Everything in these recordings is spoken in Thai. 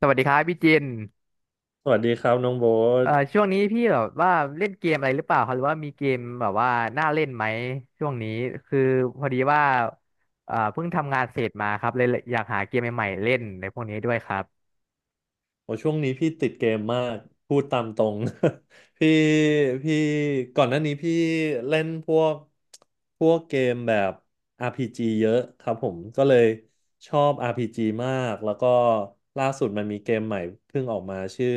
สวัสดีครับพี่เจนสวัสดีครับน้องโบ๊ทช่วงนี้พี่แบบว่าเล่นเกมอะไรหรือเปล่าครับหรือว่ามีเกมแบบว่าน่าเล่นไหมช่วงนี้คือพอดีว่าเพิ่งทำงานเสร็จมาครับเลยอยากหาเกมใหม่ๆเล่นในพวกนี้ด้วยครับโอช่วงนี้พี่ติดเกมมากพูดตามตรง พี่พี่ก่อนหน้านี้พี่เล่นพวกเกมแบบ RPG เยอะครับผมก็เลยชอบ RPG มากแล้วก็ล่าสุดมันมีเกมใหม่เพิ่งออกมาชื่อ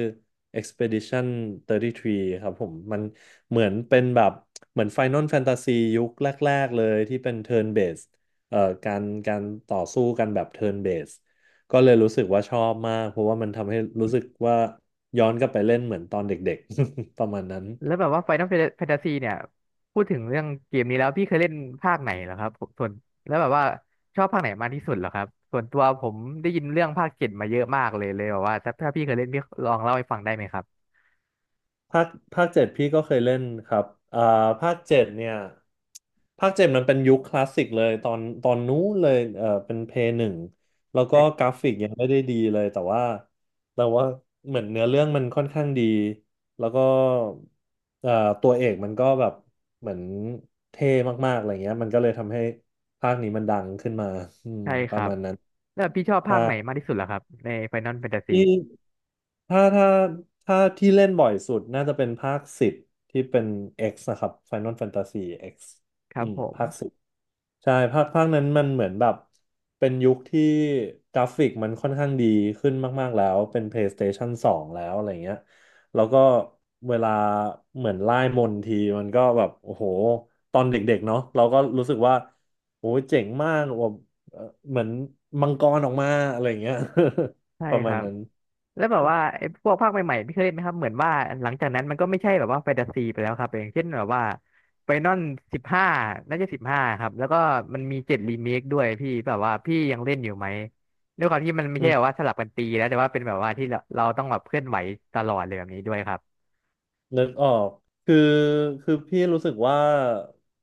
Expedition 33ครับผมมันเหมือนเป็นแบบเหมือน Final Fantasy ยุคแรกๆเลยที่เป็น Turn Based เอ่อการต่อสู้กันแบบ Turn Based ก็เลยรู้สึกว่าชอบมากเพราะว่ามันทำให้รู้สึกว่าย้อนกลับไปเล่นเหมือนตอนเด็กๆ ประมาณนั้น แล้วแบบว่า Final Fantasy เนี่ยพูดถึงเรื่องเกมนี้แล้วพี่เคยเล่นภาคไหนเหรอครับส่วนแล้วแบบว่าชอบภาคไหนมากที่สุดเหรอครับส่วนตัวผมได้ยินเรื่องภาคเจ็ดมาเยอะมากเลยเลยแบบว่าถ้าพี่เคยเล่นพี่ลองเล่าให้ฟังได้ไหมครับ ภาคภาคเจ็ดพี่ก็เคยเล่นครับอ่าภาคเจ็ดเนี่ยภาคเจ็ดมันเป็นยุคคลาสสิกเลยตอนนู้นเลยเออเป็นเพย์หนึ่งแล้วก็กราฟิกยังไม่ได้ดีเลยแต่ว่าเหมือนเนื้อเรื่องมันค่อนข้างดีแล้วก็เอ่อตัวเอกมันก็แบบเหมือนเท่มากๆอะไรเงี้ยมันก็เลยทำให้ภาคนี้มันดังขึ้นมาอืมใช่ปคระรับมาณนั้นแล้วพี่ชอบใช่ ภาคไหนมากที่สุดล่ะครับใน Final Fantasy ที่ถ้าถ้าที่เล่นบ่อยสุดน่าจะเป็นภาคสิบที่เป็น X นะครับ Final Fantasy X ครัอืบมผมภาคสิบใช่ภาคนั้นมันเหมือนแบบเป็นยุคที่กราฟิกมันค่อนข้างดีขึ้นมากๆแล้วเป็น PlayStation 2แล้วอะไรเงี้ยแล้วก็เวลาเหมือนไล่มนต์ทีมันก็แบบโอ้โหตอนเด็กๆเนาะเราก็รู้สึกว่าโอ้ยเจ๋งมากแบบเอ่อเหมือนมังกรออกมาอะไรเงี้ย ใช่ ประคมาณรับนั้น แล้วแบบว่าไอ้พวกภาคใหม่ๆพี่เคยเล่นไหมครับเหมือนว่าหลังจากนั้นมันก็ไม่ใช่แบบว่าแฟนตาซีไปแล้วครับอย่างเช่นแบบว่าไฟนอลสิบห้าน่าจะสิบห้าครับแล้วก็มันมีเจ็ดรีเมคด้วยพี่แบบว่าพี่ยังเล่นอยู่ไหมด้วยความที่มันไม่อืใช่แบบมว่าสลับกันตีแล้วแต่ว่าเป็นแบบว่าที่เราต้องแบบเคลื่อนไหวตลอดเลยแบบนี้ด้วยครับ นึกออกคือคือพี่รู้สึกว่า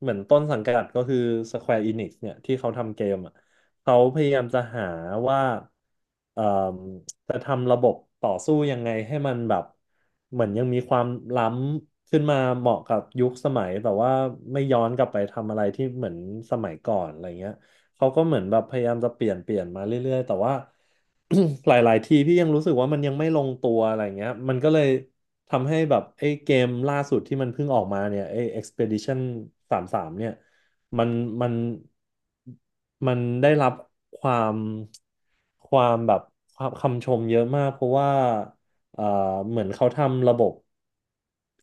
เหมือนต้นสังกัดก็คือ Square Enix เนี่ย ที่เขาทำเกมอ่ะเขาพยายามจะหาว่าเอ่มจะทำระบบต่อสู้ยังไงให้มันแบบเหมือนยังมีความล้ำขึ้นมาเหมาะกับยุคสมัย แต่ว่าไม่ย้อนกลับไปทำอะไรที่เหมือนสมัยก่อนอะไรเงี้ย เขาก็เหมือนแบบพยายามจะเปลี่ยนมาเรื่อยๆ แต่ว่า หลายๆ ทีพี่ยังรู้สึกว่ามันยังไม่ลงตัวอะไรเงี้ยมันก็เลยทำให้แบบไอ้เกมล่าสุดที่มันเพิ่งออกมาเนี่ยไอ้ Expedition 33เนี่ยมันมันมันได้รับความความแบบความคำชมเยอะมากเพราะว่า เอ่อเหมือนเขาทำระบบ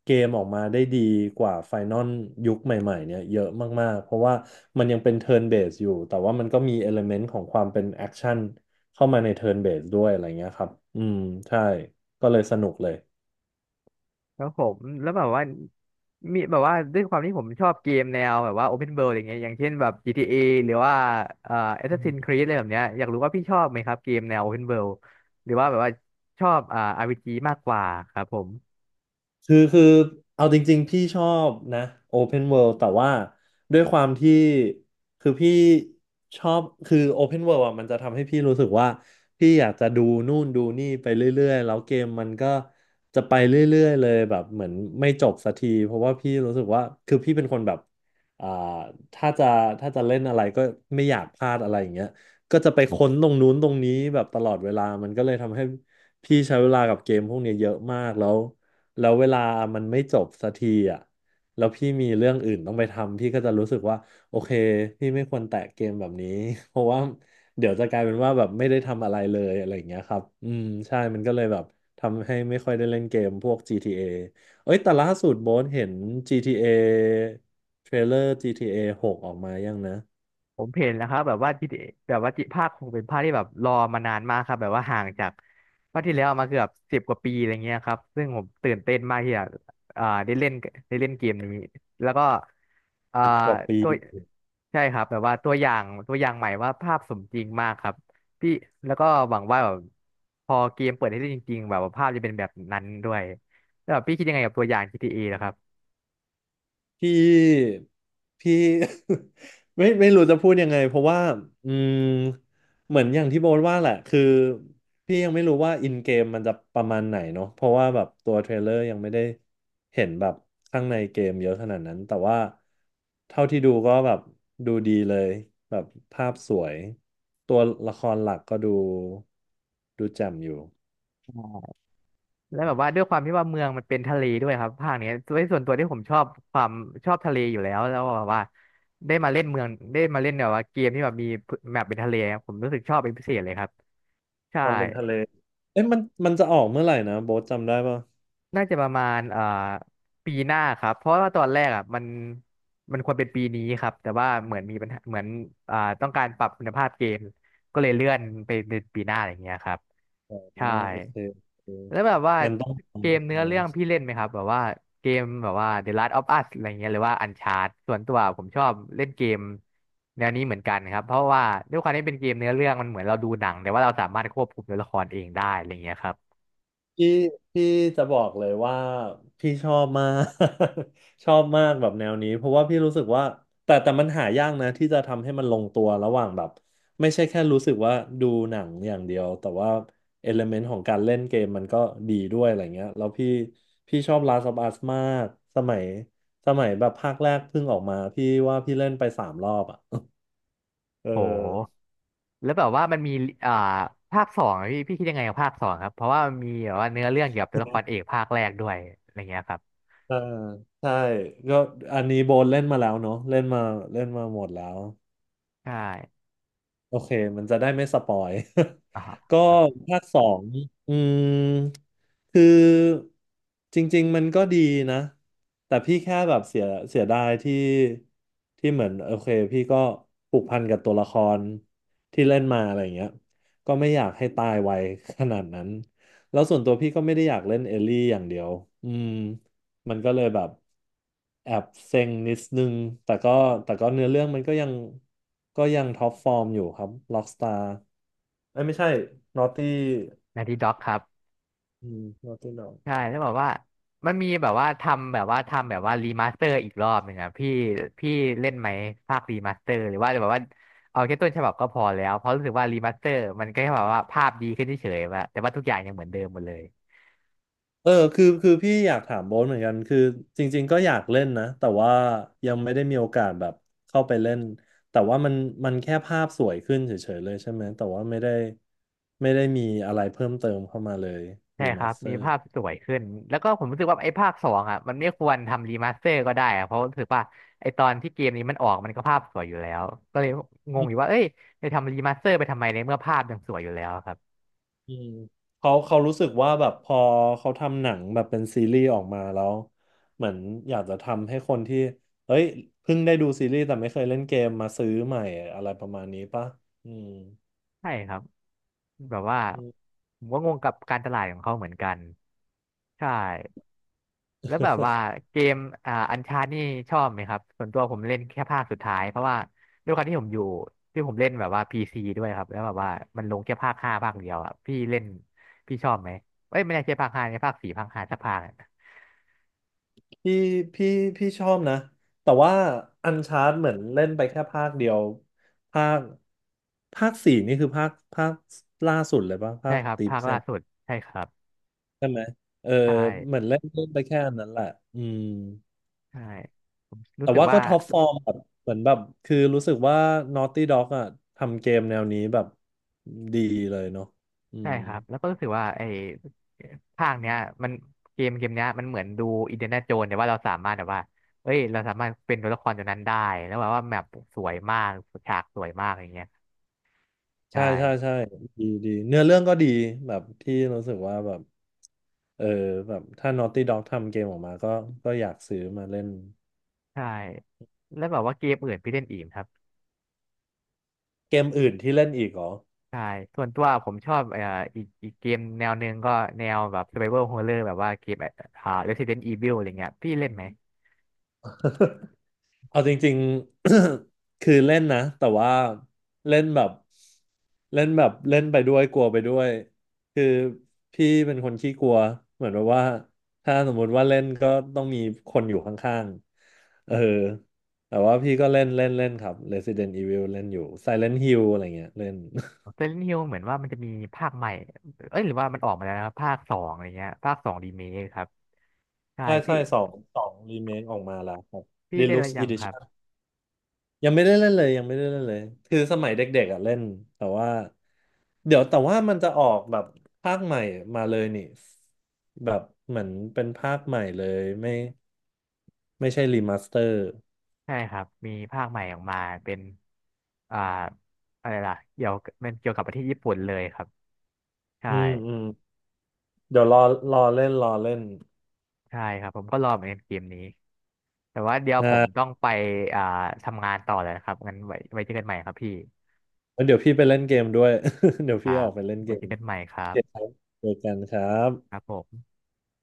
เกมออกมาได้ดีกว่าไฟนอลยุคใหม่ๆเนี่ยเยอะมากๆเพราะว่ามันยังเป็นเทิร์นเบสอยู่แต่ว่ามันก็มีเอลเมนต์ของความเป็นแอคชั่นเข้ามาในเทิร์นเบสด้วยอะไรเงี้ยครับอืมใช่ก็เลยสนุกเลย ครับผมแล้วแบบว่ามีแบบว่าด้วยความที่ผมชอบเกมแนวแบบว่า Open World อย่างเงี้ยอย่างเช่นแบบ GTA หรือว่าเอ่อ Assassin's Creed อะไรแบบเนี้ยอยากรู้ว่าพี่ชอบไหมครับเกมแนว Open World หรือว่าแบบว่าชอบอ่า RPG มากกว่าครับผม คือเอาจริงๆพี่ชอบนะ Open World แต่ว่าด้วยความที่คือพี่ชอบคือ Open World อ่ะมันจะทำให้พี่รู้สึกว่าพี่อยากจะดูนู่นดูนี่ไปเรื่อยๆแล้วเกมมันก็จะไปเรื่อยๆเลยแบบเหมือนไม่จบสักทีเพราะว่าพี่รู้สึกว่าคือพี่เป็นคนแบบอ่าถ้าจะถ้าจะเล่นอะไรก็ไม่อยากพลาดอะไรอย่างเงี้ยก็จะไปค้นตรงนู้นตรงนี้แบบตลอดเวลามันก็เลยทำให้พี่ใช้เวลากับเกมพวกเนี้ยเยอะมากแล้ว แล้วเวลามันไม่จบสักทีอ่ะแล้วพี่มีเรื่องอื่นต้องไปทำพี่ก็จะรู้สึกว่าโอเคพี่ไม่ควรแตะเกมแบบนี้ เพราะว่าเดี๋ยวจะกลายเป็นว่าแบบไม่ได้ทำอะไรเลยอะไรอย่างเงี้ยครับอืมใช่มันก็เลยแบบทำให้ไม่ค่อยได้เล่นเกมพวก GTA เอเอ้ยแต่ล่าสุดโบนเห็น GTA เอเทรลเลอร์ GTA 6อหกออกมายังนะผมเห็นแล้วครับแบบว่าจิแบบว่าจิภาคคงเป็นภาคที่แบบรอมานานมากครับแบบว่าห่างจากภาคที่แล้วมาเกือบสิบกว่าปีอะไรเงี้ยครับซึ่งผมตื่นเต้นมากที่จะได้เล่นได้เล่นเกมนี้แล้วก็อ่าอีกกว่าปี ตัวใช่ครับแบบว่าตัวอย่างตัวอย่างใหม่ว่าภาพสมจริงมากครับพี่แล้วก็หวังว่าแบบพอเกมเปิดให้เล่นจริงๆแบบว่าภาพจะเป็นแบบนั้นด้วยแล้วแบบพี่คิดยังไงกับตัวอย่าง GTA นะครับ พี่พี่ ไม่รู้จะพูดยังไงเพราะว่าอืมเหมือนอย่างที่โบทว่าแหละคือพี่ยังไม่รู้ว่าอินเกมมันจะประมาณไหนเนาะเพราะว่าแบบตัวเทรลเลอร์ยังไม่ได้เห็นแบบข้างในเกมเยอะขนาดนั้นแต่ว่าเท่าที่ดูก็แบบดูดีเลยแบบภาพสวยตัวละครหลักก็ดูแจ่มอยู่แล้วแบบว่าด้วยความที่ว่าเมืองมันเป็นทะเลด้วยครับภาคเนี้ยด้วยส่วนตัวที่ผมชอบความชอบทะเลอยู่แล้วแล้วแบบว่าได้มาเล่นเมืองได้มาเล่นแบบว่าเกมที่แบบมีแมปเป็นทะเลครับผมรู้สึกชอบเป็นพิเศษเลยครับใช่ตอนเป็นทะเลเอ๊ะมันจะออกเมื่อไหร่นะโบ๊ทจำได้ปะ น่าจะประมาณปีหน้าครับเพราะว่าตอนแรกอ่ะมันมันควรเป็นปีนี้ครับแต่ว่าเหมือนมีปัญหาเหมือนต้องการปรับคุณภาพเกมก็เลยเลื่อนไปเป็นปีหน้าอะไรอย่างเงี้ยครับอ๋อใช่ โอเคแล้วแบบว่างั้นต้องเกทำแล้มวเนื้อนะเรื่องพี่เล่นไหมครับแบบว่าเกมแบบว่า The Last of Us อะไรเงี้ยหรือว่า Uncharted ส่วนตัวผมชอบเล่นเกมแนวนี้เหมือนกันครับเพราะว่าด้วยความที่เป็นเกมเนื้อเรื่องมันเหมือนเราดูหนังแต่ว่าเราสามารถควบคุมตัวละครเองได้อะไรเงี้ยครับพี่พี่จะบอกเลยว่าพี่ชอบมาก ชอบมากแบบแนวนี้ เพราะว่าพี่รู้สึกว่าแต่มันหายากนะที่จะทำให้มันลงตัวระหว่างแบบไม่ใช่แค่รู้สึกว่าดูหนังอย่างเดียวแต่ว่าเอลเมนต์ของการเล่นเกมมันก็ดีด้วยอะไรเงี้ยแล้วพี่ชอบ Last of Us มากสมัยสมัยแบบภาคแรกเพิ่งออกมาพี่ว่าพี่เล่นไป3 รอบอ่ะเออ โหแล้วแบบว่ามันมีอ่าภาคสองอะพี่คิดยังไงกับภาคสองครับเพราะว่ามันมีแบบว่าเนื้อเรื่องเกี่ยวกับตัวละครเอกภาคแรกด้วยอะไรเงี้ยครับเอ่ใช่ก็อันนี้โบนเล่นมาแล้วเนาะเล่นมาหมดแล้วใช่โอเคมันจะได้ไม่สปอย อ่าฮะ ก็ครับภาคสองอืมคือจริงๆมันก็ดีนะแต่พี่แค่แบบเสียดายที่เหมือนโอเคพี่ก็ผูกพันกับตัวละครที่เล่นมาอะไรอย่างเงี้ยก็ไม่อยากให้ตายไวขนาดนั้นแล้วส่วนตัวพี่ก็ไม่ได้อยากเล่นเอลลี่อย่างเดียวอืม มันก็เลยแบบแอบเซ็งนิดนึงแต่ก็เนื้อเรื่องมันก็ยังท็อปฟอร์มอยู่ครับล็อกสตาร์เอ้ยไม่ใช่นอตตี้นาทีด็อกครับ อืมนอตตี้นใช่อแล้วบอกว่ามันมีแบบว่าทำแบบว่าทำแบบว่ารีมาสเตอร์อีกรอบหนึ่งอะพี่พี่เล่นไหมภาครีมาสเตอร์หรือว่าแบบว่าเอาแค่ต้นฉบับก็พอแล้วเพราะรู้สึกว่ารีมาสเตอร์มันก็แค่แบบว่าภาพดีขึ้นเฉยๆว่าแต่ว่าทุกอย่างยังเหมือนเดิมหมดเลยเออคือพี่อยากถามโบ๊ทเหมือนกันคือจริงๆก็อยากเล่นนะแต่ว่ายังไม่ได้มีโอกาสแบบเข้าไปเล่นแต่ว่ามันแค่ภาพสวยขึ้นเฉยๆเลยใช่ไหมแต่ว่าไม่ได้มีอะไรเพิ่มเติมเข้ามาเลยใช่รีคมารับสเตอมีร์ ภาพสวยขึ้นแล้วก็ผมรู้สึกว่าไอ้ภาคสองอะมันไม่ควรทำรีมาสเตอร์ก็ได้อะเพราะรู้สึกว่าไอ้ตอนที่เกมนี้มันออกมันก็ภาพสวยอยู่แล้วก็เลยงงอยู่ว่าเอ้ยจะทำรีมาสเตอร์ไปทำไมในเมื่อภาพยังสวยอยู่แล้วครับ อืมเขารู้สึกว่าแบบพอเขาทำหนังแบบเป็นซีรีส์ออกมาแล้วเหมือนอยากจะทำให้คนที่เอ้ยเพิ่งได้ดูซีรีส์แต่ไม่เคยเล่นเกมมาซื้อใหม่อะไรประมาณนี้ป่ะอืมใช่ครับแบบว่าอืม ผมก็งงกับการตลาดของเขาเหมือนกันใช่แล้วแบบว่า เกมอ่าอันชาร์นี่ชอบไหมครับส่วนตัวผมเล่นแค่ภาคสุดท้ายเพราะว่าด้วยความที่ผมอยู่ที่ผมเล่นแบบว่าพีซีด้วยครับแล้วแบบว่ามันลงแค่ภาคห้าภาคเดียวอ่ะพี่เล่นพี่ชอบไหมเอ้ยไม่ได้ใช่ภาคห้าในภาคสี่ภาคห้าสักภาคอะพี่พี่ชอบนะแต่ว่าอันชาร์ d เหมือนเล่นไปแค่ภาคเดียวภาคสี่นี่คือภาคใช่ครับภาคล่าสุดใช่ครับใช่ไหมเออใชเหมื่อนเล่นเล่นไปแค่อันนั้นแหละอืม ใช่ผมรู้แต่สึกว่าก็ว่า ท็อปฟอร์มแบบเหมือนแบบคือรู้สึกว่า Naughty Dog อ่ะทำเกมแนวนี้แบบดีเลยเนาะอืใช่มครับ แล้วก็รู้สึกว่าไอ้ภาคเนี้ยมันเกมเนี้ยมันเหมือนดูอินเดียนาโจนแต่ว่าเราสามารถแบบว่าเอ้ยเราสามารถเป็นตัวละครตัวนั้นได้แล้วแบบว่าแมปสวยมากฉากสวยมากอย่างเงี้ยใชใช่ใช่่ดีเนื้อเรื่องก็ดีแบบที่รู้สึกว่าแบบเออแบบถ้า Naughty Dog ทำเกมออกมาก็อยากซื้อมาเล่นใช่แล้วแบบว่าเกมอื่นพี่เล่นอีกไหมครับเกมอื่นที่เล่นอีกเหรอ ใช่ส่วนตัวผมชอบอีกเกมแนวหนึ่งก็แนวแบบ Survival Horror แบบว่าเกมอ่า Resident Evil อะไรเงี้ยพี่เล่นไหม เอาจริงๆ คือเล่นนะแต่ว่าเล่นแบบเล่นแบบเล่นไปด้วยกลัวไปด้วยคือพี่เป็นคนขี้กลัวเหมือนแบบว่าถ้าสมมุติว่าเล่นก็ต้องมีคนอยู่ข้างๆเออแต่ว่าพี่ก็เล่นเล่นเล่นครับ Resident Evil เล่นอยู่ Silent Hill อะไรเงี้ยเล่น Silent Hill เหมือนว่ามันจะมีภาคใหม่เอ้ยหรือว่ามันออกมาแล้วนะครับภาคสองอะไรเงี้ยภาคสองรีเมคครับใช่ ใช่พี่ ใช่สองสองรีเมคออกมาแล้วครับ พี่ได้แล้ว Deluxe ยังครับ Edition ยังไม่ได้เล่นเลยยังไม่ได้เล่นเลยคือสมัยเด็กๆอ่ะเล่นแต่ว่า เดี๋ยวแต่ว่ามันจะออกแบบภาคใหม่มาเลยนี่แบบเหมือนเป็นภาคใหม่เลยไม่ใช่รีมาสเตอร์ใช่ครับมีภาคใหม่ออกมาเป็นอ่าอะไรล่ะเกี่ยวกับมันเกี่ยวกับประเทศญี่ปุ่นเลยครับใช่อืมอืมเดี๋ยวรอรอเล่นใช่ครับผมก็รอเหมือนกันเกมนี้แต่ว่าเดี๋ยวอ่ผมาต้องไปอ่าทำงานต่อแล้วนะครับงั้นไว้ไว้เจอกันใหม่ครับพี่แล้วเดี๋ยวพี่ไปเล่นเกมด้วย เดี๋ยวคพี่รัออบกไปเล่นเกไว้เจอมกันใหม่คโอรัเคคบรับเจอกันครัครับบผม